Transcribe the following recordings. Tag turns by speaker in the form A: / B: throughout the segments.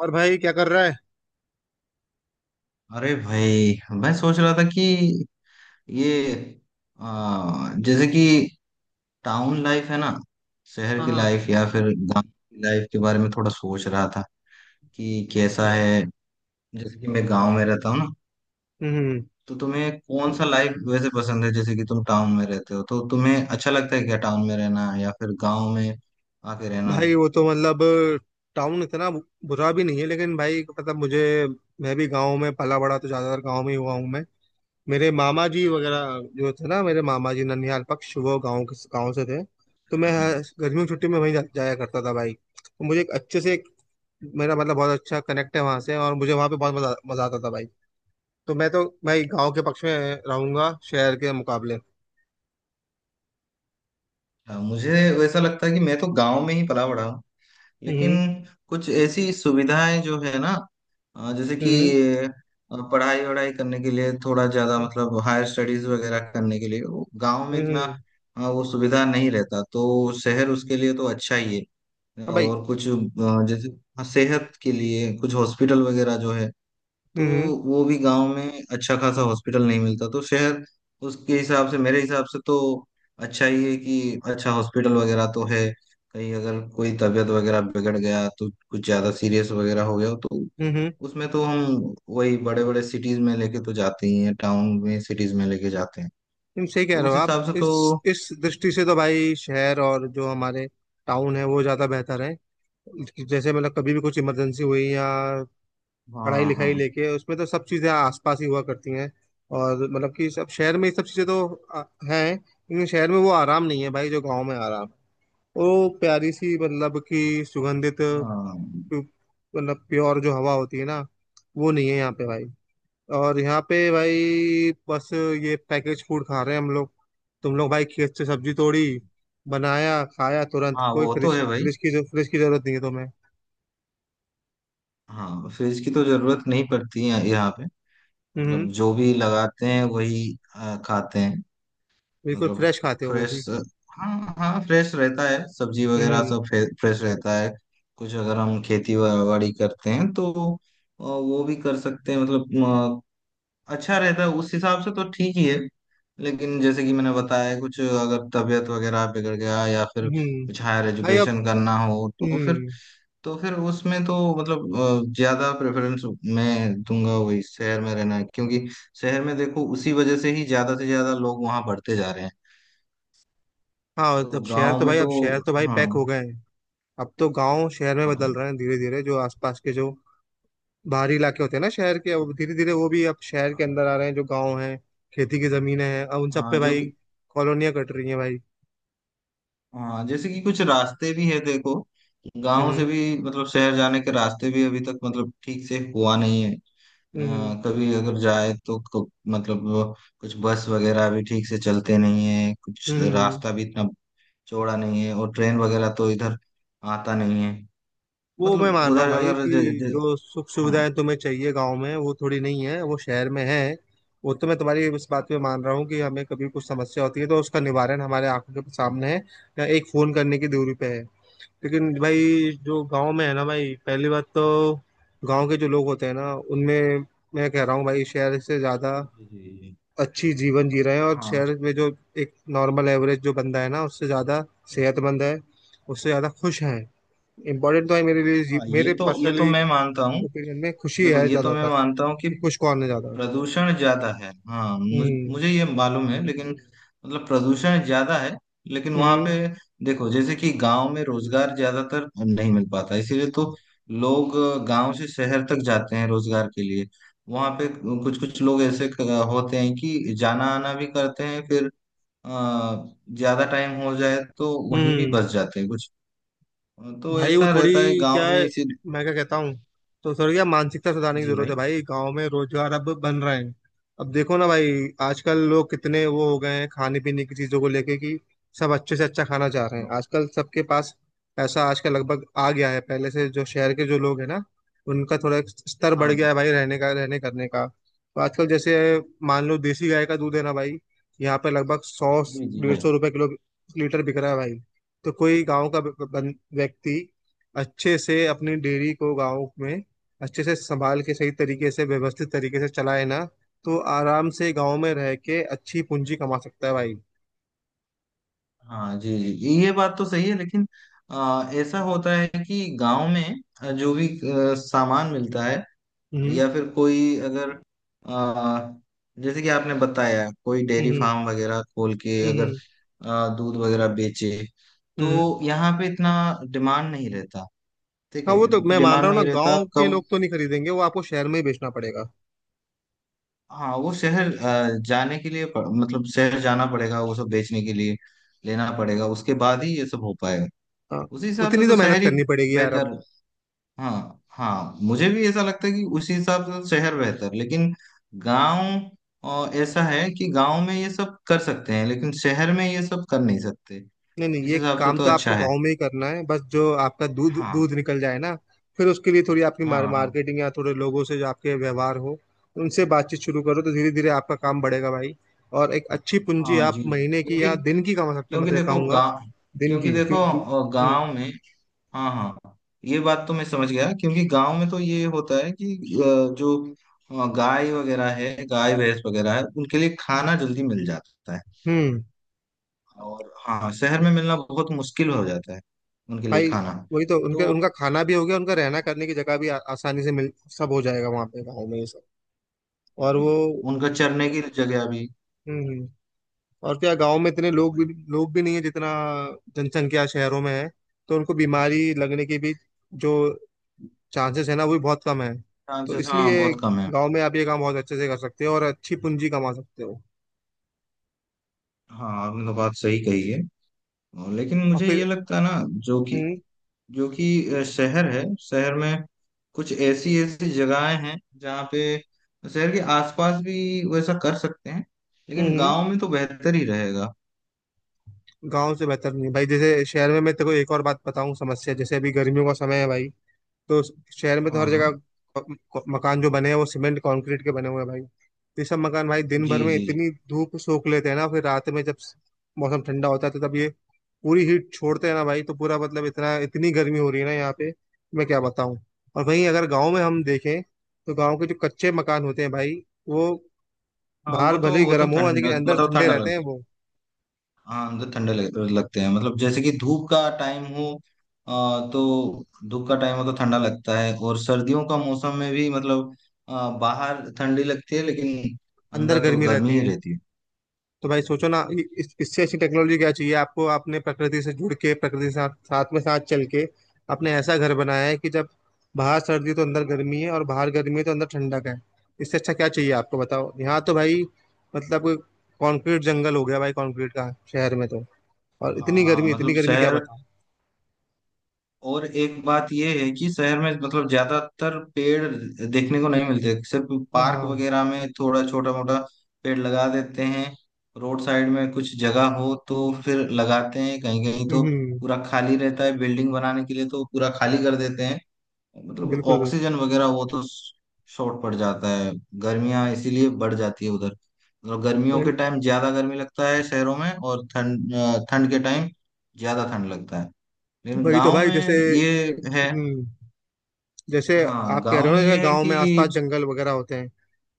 A: और भाई क्या कर रहा है।
B: अरे भाई, मैं सोच रहा था कि ये जैसे कि टाउन लाइफ है ना, शहर
A: हाँ
B: की
A: हाँ।
B: लाइफ या फिर गांव की लाइफ के बारे में थोड़ा सोच रहा था कि
A: तो
B: कैसा
A: भाई।
B: है। जैसे कि मैं गांव में रहता हूँ ना,
A: हम्म।
B: तो तुम्हें कौन सा लाइफ वैसे पसंद है, जैसे कि तुम टाउन में रहते हो तो तुम्हें अच्छा लगता है क्या टाउन में रहना या फिर गांव में आके रहना अच्छा।
A: भाई वो तो मतलब टाउन इतना बुरा भी नहीं है लेकिन भाई मतलब मुझे मैं भी गांव में पला बड़ा तो ज्यादातर गांव में ही हुआ हूँ मैं। मेरे मामा जी वगैरह जो थे ना मेरे मामा जी ननिहाल पक्ष वो गांव के गांव से थे। तो मैं
B: हाँ
A: गर्मियों की छुट्टी में वहीं जाया करता था भाई तो मुझे एक अच्छे से मेरा मतलब बहुत अच्छा कनेक्ट है वहां से और मुझे वहां पे बहुत मजा मजा आता था भाई। तो मैं तो भाई गाँव के पक्ष में रहूंगा शहर के मुकाबले।
B: हाँ। मुझे वैसा लगता है कि मैं तो गांव में ही पला बड़ा हूँ लेकिन
A: हम्म
B: कुछ ऐसी सुविधाएं जो है ना, जैसे कि
A: हम्म
B: पढ़ाई वढ़ाई करने के लिए थोड़ा ज्यादा
A: हम्म
B: मतलब हायर स्टडीज वगैरह करने के लिए वो गांव में इतना
A: हम्म।
B: वो सुविधा नहीं रहता, तो शहर उसके लिए तो अच्छा ही है।
A: हाँ भाई।
B: और कुछ जैसे सेहत के लिए कुछ हॉस्पिटल वगैरह जो है, तो
A: हम्म
B: वो भी गांव में अच्छा खासा हॉस्पिटल नहीं मिलता, तो शहर उसके हिसाब से, मेरे हिसाब से तो अच्छा ही है कि अच्छा हॉस्पिटल वगैरह तो है। कहीं अगर कोई तबीयत वगैरह बिगड़ गया तो कुछ ज्यादा सीरियस वगैरह हो गया तो
A: हम्म।
B: उसमें तो हम वही बड़े बड़े सिटीज में लेके तो जाते ही हैं, टाउन में सिटीज में लेके जाते हैं।
A: तुम सही कह
B: तो
A: रहे
B: उस
A: हो आप
B: हिसाब से
A: इस
B: तो
A: इस दृष्टि से तो भाई शहर और जो हमारे टाउन है वो ज्यादा बेहतर है। जैसे मतलब कभी भी कुछ इमरजेंसी हुई या पढ़ाई
B: हाँ
A: लिखाई
B: हाँ।
A: लेके उसमें तो सब चीजें आसपास ही हुआ करती हैं। और मतलब कि सब शहर में ये सब चीजें तो आ, हैं लेकिन शहर में वो आराम नहीं है भाई जो गाँव में आराम। वो प्यारी सी मतलब कि सुगंधित प्यु-
B: हाँ
A: मतलब प्योर जो हवा होती है ना वो नहीं है यहाँ पे भाई। और यहाँ पे भाई बस ये पैकेज फूड खा रहे हैं हम लोग। तुम लोग भाई खेत से सब्जी तोड़ी बनाया खाया तुरंत
B: हाँ,
A: कोई
B: वो तो
A: फ्रिज
B: है भाई।
A: फ्रिज की जरूरत नहीं है तुम्हें।
B: हाँ, फ्रिज की तो जरूरत नहीं पड़ती है यहाँ पे।
A: हम्म।
B: मतलब जो भी लगाते हैं वही खाते हैं।
A: बिल्कुल
B: मतलब
A: फ्रेश खाते हो वो भी।
B: फ्रेश। हाँ हाँ, फ्रेश रहता है सब्जी वगैरह
A: हम्म
B: सब फ्रेश रहता है। कुछ अगर हम बाड़ी करते हैं तो वो भी कर सकते हैं, मतलब अच्छा रहता है, उस हिसाब से तो ठीक ही है। लेकिन जैसे कि मैंने बताया, कुछ अगर तबीयत वगैरह बिगड़ गया या फिर
A: हम्म।
B: कुछ हायर
A: भाई अब।
B: एजुकेशन करना हो तो फिर,
A: हम्म।
B: तो फिर उसमें तो मतलब ज्यादा प्रेफरेंस मैं दूंगा वही शहर में रहना, क्योंकि शहर में देखो उसी वजह से ही ज्यादा से ज्यादा लोग वहां बढ़ते जा रहे हैं।
A: हाँ
B: तो
A: अब शहर
B: गांव
A: तो
B: में
A: भाई अब
B: तो
A: शहर तो भाई
B: हाँ।
A: पैक हो गए हैं। अब तो गांव शहर में बदल
B: हाँ,
A: रहे हैं धीरे धीरे जो आसपास के जो बाहरी इलाके होते हैं ना शहर के अब धीरे
B: कुछ-
A: धीरे वो भी अब शहर के अंदर आ रहे हैं जो गांव हैं। खेती की जमीनें हैं अब उन सब
B: हाँ
A: पे
B: जो,
A: भाई कॉलोनियां कट रही हैं भाई।
B: हाँ जैसे कि कुछ रास्ते भी है देखो। गांव से
A: हम्म
B: भी मतलब शहर जाने के रास्ते भी अभी तक मतलब ठीक से हुआ नहीं है।
A: हम्म
B: कभी अगर जाए तो मतलब वो, कुछ बस वगैरह भी ठीक से चलते नहीं है, कुछ
A: हम्म।
B: रास्ता भी इतना चौड़ा नहीं है, और ट्रेन वगैरह तो इधर आता नहीं है।
A: वो मैं
B: मतलब
A: मान रहा
B: उधर
A: हूँ भाई
B: अगर
A: कि
B: ज, ज,
A: जो सुख सुविधाएं
B: हाँ।
A: तुम्हें चाहिए गांव में वो थोड़ी नहीं है वो शहर में है। वो तो मैं तुम्हारी इस बात पे मान रहा हूँ कि हमें कभी कुछ समस्या होती है तो उसका निवारण हमारे आंखों के सामने है या एक फोन करने की दूरी पे है। लेकिन भाई जो गांव में है ना भाई पहली बात तो गांव के जो लोग होते हैं ना उनमें मैं कह रहा हूँ भाई शहर से ज्यादा
B: जी जी जी।
A: अच्छी जीवन जी रहे हैं और
B: हाँ
A: शहर में जो एक नॉर्मल एवरेज जो बंदा है ना उससे ज्यादा सेहतमंद है उससे ज्यादा खुश है। इम्पोर्टेंट तो है मेरे लिए
B: हाँ, ये
A: मेरे
B: तो, ये तो
A: पर्सनली
B: मैं मानता हूँ।
A: ओपिनियन में खुशी
B: देखो
A: है
B: ये तो मैं
A: ज्यादातर
B: मानता हूँ कि
A: कि खुश कौन है ज्यादा।
B: प्रदूषण ज्यादा है, हाँ।
A: हम्म
B: मुझे ये मालूम है, लेकिन मतलब प्रदूषण ज्यादा है लेकिन वहां पे
A: हम्म
B: देखो जैसे कि गांव में रोजगार ज्यादातर नहीं मिल पाता, इसीलिए तो लोग गांव से शहर तक जाते हैं रोजगार के लिए। वहां पे कुछ कुछ लोग ऐसे होते हैं कि जाना आना भी करते हैं, फिर अ, ज्यादा टाइम हो जाए तो वहीं भी
A: हम्म।
B: बस जाते हैं कुछ। तो
A: भाई वो
B: ऐसा
A: थोड़ी
B: रहता है गांव
A: क्या
B: में
A: है
B: इसी।
A: मैं क्या कहता हूँ तो थोड़ी क्या मानसिकता सुधारने की
B: जी
A: जरूरत
B: भाई।
A: है भाई गांव में रोजगार अब बन रहे हैं। अब देखो ना भाई आजकल लोग कितने वो हो गए हैं खाने पीने की चीजों को लेके कि सब अच्छे से अच्छा खाना चाह रहे हैं
B: हाँ
A: आजकल सबके पास पैसा आजकल लगभग आ गया है पहले से जो शहर के जो लोग हैं ना उनका थोड़ा स्तर बढ़ गया
B: हाँ,
A: है भाई रहने का रहने करने का तो आजकल जैसे मान लो देसी गाय का दूध है ना भाई यहाँ पे लगभग 100
B: जी जी
A: डेढ़
B: भाई।
A: सौ रुपए किलो लीटर बिक रहा है भाई। तो कोई गांव का व्यक्ति अच्छे से अपनी डेयरी को गांव में अच्छे से संभाल के सही तरीके से व्यवस्थित तरीके से चलाए ना तो आराम से गांव में रह के अच्छी पूंजी कमा सकता है भाई।
B: हाँ जी जी, ये बात तो सही है लेकिन ऐसा होता है कि गांव में जो भी सामान मिलता है,
A: हम्म
B: या फिर कोई अगर आ, जैसे कि आपने बताया, कोई डेयरी
A: हम्म
B: फार्म वगैरह खोल के अगर
A: हम्म
B: दूध वगैरह बेचे,
A: हम्म।
B: तो यहाँ पे इतना डिमांड नहीं रहता। ठीक
A: हाँ
B: है।
A: वो तो मैं मान
B: डिमांड
A: रहा हूँ ना
B: नहीं रहता,
A: गांव के
B: कम।
A: लोग तो नहीं खरीदेंगे वो आपको शहर में ही बेचना पड़ेगा।
B: हाँ वो शहर जाने के लिए मतलब शहर जाना पड़ेगा वो सब बेचने के लिए, लेना पड़ेगा, उसके बाद ही ये सब हो पाएगा।
A: हाँ
B: उसी हिसाब से
A: उतनी
B: तो
A: तो मेहनत
B: शहर ही
A: करनी पड़ेगी यार अब।
B: बेहतर। हाँ हाँ, मुझे भी ऐसा लगता है कि उसी हिसाब से तो शहर बेहतर, लेकिन गांव, और ऐसा है कि गांव में ये सब कर सकते हैं लेकिन शहर में ये सब कर नहीं सकते,
A: नहीं नहीं
B: इस
A: ये
B: हिसाब से
A: काम
B: तो
A: तो आपको
B: अच्छा है।
A: गांव में ही करना है बस जो आपका दूध
B: हाँ
A: दूध निकल जाए ना फिर उसके लिए थोड़ी आपकी
B: हाँ। हाँ,
A: मार्केटिंग या थोड़े लोगों से जो आपके व्यवहार हो उनसे बातचीत शुरू करो तो धीरे धीरे आपका काम बढ़ेगा भाई। और एक अच्छी पूंजी
B: हाँ
A: आप
B: जी।
A: महीने की
B: क्योंकि,
A: या दिन की कमा सकते हैं
B: क्योंकि
A: मतलब
B: देखो
A: कहूंगा।
B: गांव,
A: दिन
B: क्योंकि
A: की
B: देखो
A: क्यों हम्म
B: गांव में हाँ हाँ, ये बात तो मैं समझ गया क्योंकि गांव में तो ये होता है कि जो गाय वगैरह है, गाय भैंस वगैरह है, उनके लिए खाना जल्दी मिल जाता है।
A: हम्म।
B: और हाँ, शहर में मिलना बहुत मुश्किल हो जाता है उनके लिए
A: भाई
B: खाना।
A: वही तो उनके
B: तो
A: उनका खाना भी हो गया उनका रहना करने की जगह भी आसानी से मिल सब हो जाएगा वहां पे गाँव में ये सब और
B: जी।
A: वो।
B: उनका चरने की जगह भी।
A: हम्म। और क्या गांव में इतने लोग भी नहीं है जितना जनसंख्या शहरों में है तो उनको बीमारी लगने की भी जो चांसेस है ना वो भी बहुत कम है। तो
B: चांसेस हाँ
A: इसलिए
B: बहुत कम है।
A: गांव में आप ये काम बहुत अच्छे से कर सकते हो और अच्छी पूंजी कमा सकते हो
B: हाँ, आपने तो बात सही कही है। और लेकिन
A: और
B: मुझे
A: फिर।
B: ये लगता है ना जो कि,
A: हम्म
B: जो कि शहर है, शहर में कुछ ऐसी ऐसी जगहें हैं जहाँ पे शहर के आसपास भी वैसा कर सकते हैं, लेकिन
A: हम्म।
B: गांव में तो बेहतर ही रहेगा।
A: गांव से बेहतर नहीं भाई जैसे शहर में मैं तेको एक और बात बताऊं समस्या जैसे अभी गर्मियों का समय है भाई तो शहर में तो
B: हाँ
A: हर
B: हाँ।
A: जगह क- मकान जो बने हैं वो सीमेंट कंक्रीट के बने हुए हैं भाई। ये सब मकान भाई दिन
B: जी
A: भर में
B: जी जी।
A: इतनी धूप सोख लेते हैं ना फिर रात में जब मौसम ठंडा होता है तो तब ये पूरी हीट छोड़ते हैं ना भाई तो पूरा मतलब इतना इतनी गर्मी हो रही है ना यहाँ पे मैं क्या बताऊं। और वहीं अगर गांव में हम देखें तो गांव के जो कच्चे मकान होते हैं भाई वो
B: हाँ
A: बाहर
B: वो तो,
A: भले ही
B: वो तो
A: गर्म हो
B: ठंड
A: लेकिन अंदर
B: मतलब
A: ठंडे
B: ठंडा
A: रहते हैं
B: लगता है।
A: वो
B: हाँ अंदर ठंडे लगते हैं, मतलब जैसे कि धूप का टाइम हो अ, तो धूप का टाइम हो तो ठंडा लगता है, और सर्दियों का मौसम में भी मतलब बाहर ठंडी लगती है लेकिन
A: अंदर
B: अंदर तो
A: गर्मी
B: गर्मी
A: रहती है।
B: ही रहती है।
A: तो भाई सोचो ना इससे अच्छी टेक्नोलॉजी क्या चाहिए आपको आपने प्रकृति से जुड़ के प्रकृति के साथ साथ में साथ चल के आपने ऐसा घर बनाया है कि जब बाहर सर्दी तो अंदर गर्मी है और बाहर गर्मी है तो अंदर ठंडक है। इससे अच्छा क्या चाहिए आपको बताओ यहाँ तो भाई मतलब कंक्रीट जंगल हो गया भाई कंक्रीट का शहर में तो और
B: हाँ हाँ,
A: इतनी
B: मतलब
A: गर्मी क्या
B: शहर,
A: बताऊं।
B: और एक बात ये है कि शहर में मतलब ज्यादातर पेड़ देखने को नहीं मिलते, सिर्फ पार्क
A: हाँ।
B: वगैरह में थोड़ा छोटा मोटा पेड़ लगा देते हैं। रोड साइड में कुछ जगह हो तो फिर लगाते हैं, कहीं कहीं तो
A: हम्म।
B: पूरा खाली रहता है। बिल्डिंग बनाने के लिए तो पूरा खाली कर देते हैं, मतलब
A: बिल्कुल बिल्कुल।
B: ऑक्सीजन वगैरह वो तो शॉर्ट पड़ जाता है। गर्मियाँ इसीलिए बढ़ जाती है उधर, मतलब गर्मियों के
A: वही
B: टाइम ज्यादा गर्मी लगता है शहरों में, और ठंड ठंड के टाइम ज्यादा ठंड लगता है। लेकिन
A: वही तो
B: गांव
A: भाई जैसे।
B: में ये है।
A: हम्म। जैसे
B: हाँ,
A: आप कह
B: गांव
A: रहे हो
B: में
A: ना जैसे
B: ये है
A: गांव में
B: कि
A: आसपास जंगल वगैरह होते हैं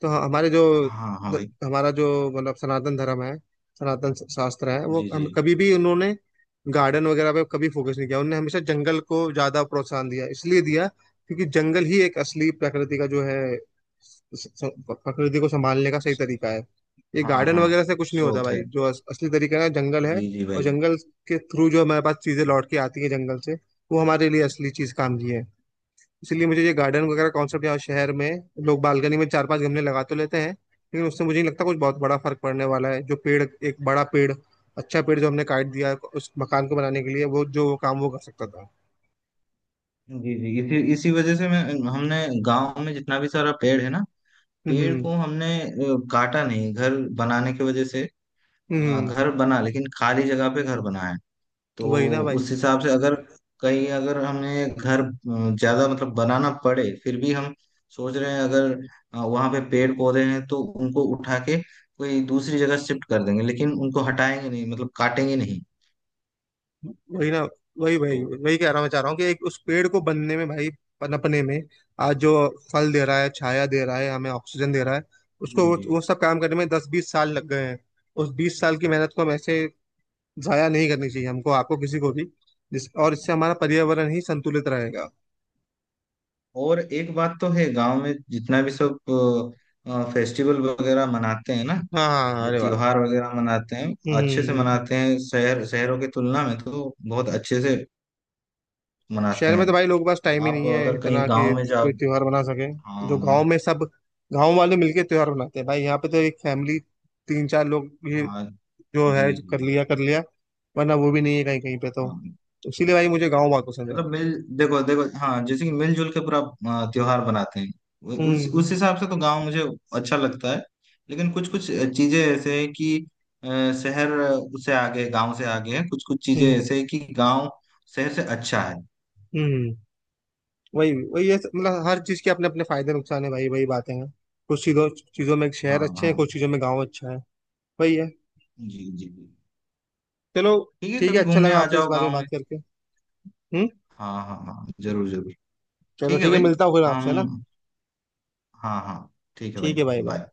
A: तो हमारे जो
B: हाँ हाँ भाई।
A: हमारा जो मतलब सनातन धर्म है सनातन शास्त्र है वो
B: जी
A: हम
B: जी।
A: कभी भी उन्होंने गार्डन वगैरह पे कभी फोकस नहीं किया उन्होंने हमेशा जंगल को ज्यादा प्रोत्साहन दिया इसलिए दिया क्योंकि जंगल ही एक असली प्रकृति का जो है स- प्रकृति को संभालने का सही तरीका है। ये
B: हाँ
A: गार्डन
B: हाँ,
A: वगैरह से कुछ नहीं होता
B: स्रोत है।
A: भाई जो असली तरीका है जंगल है।
B: जी जी
A: और
B: भाई।
A: जंगल के थ्रू जो हमारे पास चीजें लौट के आती है जंगल से वो हमारे लिए असली चीज काम की है। इसीलिए मुझे ये गार्डन वगैरह कॉन्सेप्ट यहाँ शहर में लोग बालकनी में चार पांच गमले लगा तो लेते हैं लेकिन उससे मुझे नहीं लगता कुछ बहुत बड़ा फर्क पड़ने वाला है जो पेड़ एक बड़ा पेड़ अच्छा पेड़ जो हमने काट दिया उस मकान को बनाने के लिए वो जो काम वो कर सकता था।
B: जी जी, इसी इसी वजह से मैं, हमने गांव में जितना भी सारा पेड़ है ना, पेड़
A: हम्म
B: को हमने काटा नहीं घर बनाने की वजह से।
A: हम्म।
B: घर बना लेकिन खाली जगह पे घर बनाया।
A: वही ना
B: तो
A: भाई
B: उस हिसाब से अगर कहीं अगर हमें घर ज्यादा मतलब बनाना पड़े, फिर भी हम सोच रहे हैं अगर वहां पे पेड़ पौधे हैं तो उनको उठा के कोई दूसरी जगह शिफ्ट कर देंगे, लेकिन उनको हटाएंगे नहीं, मतलब काटेंगे नहीं।
A: वही ना वही
B: तो
A: वही वही कह रहा मैं चाह रहा हूँ कि एक उस पेड़ को बनने में भाई पनपने में आज जो फल दे रहा है छाया दे रहा है हमें ऑक्सीजन दे रहा है उसको
B: जी
A: वो,
B: जी।
A: वो सब काम करने में 10-20 साल लग गए हैं। उस 20 साल की मेहनत को हम ऐसे जाया नहीं करनी चाहिए हमको आपको किसी को भी जिस और इससे हमारा पर्यावरण ही संतुलित रहेगा।
B: और एक बात तो है, गांव में जितना भी सब फेस्टिवल वगैरह मनाते हैं ना,
A: हाँ हाँ
B: जो
A: अरे वाह।
B: त्योहार वगैरह मनाते हैं, अच्छे से
A: हम्म।
B: मनाते हैं, शहर शहरों की तुलना में तो बहुत अच्छे से मनाते
A: शहर में तो
B: हैं।
A: भाई लोगों के पास टाइम ही नहीं
B: आप
A: है
B: अगर
A: इतना
B: कहीं
A: कि
B: गांव में जाओ।
A: कोई त्योहार मना सके। जो गांव
B: हाँ।
A: में सब गांव वाले मिलके त्योहार मनाते हैं भाई यहाँ पे तो एक फैमिली तीन चार लोग भी
B: हाँ।
A: जो है
B: जी
A: जो
B: जी।
A: कर लिया वरना वो भी नहीं है कहीं कहीं पे तो।
B: हाँ,
A: तो इसीलिए भाई मुझे गाँव बहुत पसंद है
B: मतलब
A: भाई।
B: मिल, देखो देखो, हाँ जैसे कि मिलजुल के पूरा त्योहार बनाते हैं। उ- उस
A: हम्म
B: हिसाब से तो गांव मुझे अच्छा लगता है, लेकिन कुछ कुछ चीजें ऐसे हैं कि अ, शहर उससे आगे है, गांव से आगे है। कुछ कुछ चीजें
A: हम्म
B: ऐसे हैं कि गांव शहर से अच्छा है।
A: हम्म। वही वही मतलब हर चीज के अपने अपने फायदे नुकसान है भाई वही बातें हैं। कुछ चीजों चीजों में शहर
B: हाँ
A: अच्छे हैं
B: हाँ।
A: कुछ चीजों में गांव अच्छा है। वही है।
B: जी जी जी।
A: चलो
B: ठीक है,
A: ठीक है
B: कभी
A: अच्छा
B: घूमने
A: लगा
B: आ
A: आपसे इस
B: जाओ
A: बारे में
B: गांव
A: बात
B: में।
A: करके। हम्म।
B: हाँ हाँ हाँ, जरूर जरूर।
A: चलो
B: ठीक है
A: ठीक है
B: भाई।
A: मिलता हूँ फिर आपसे है ना।
B: हम। हाँ हाँ। ठीक है भाई।
A: ठीक है भाई बाय।
B: बाय।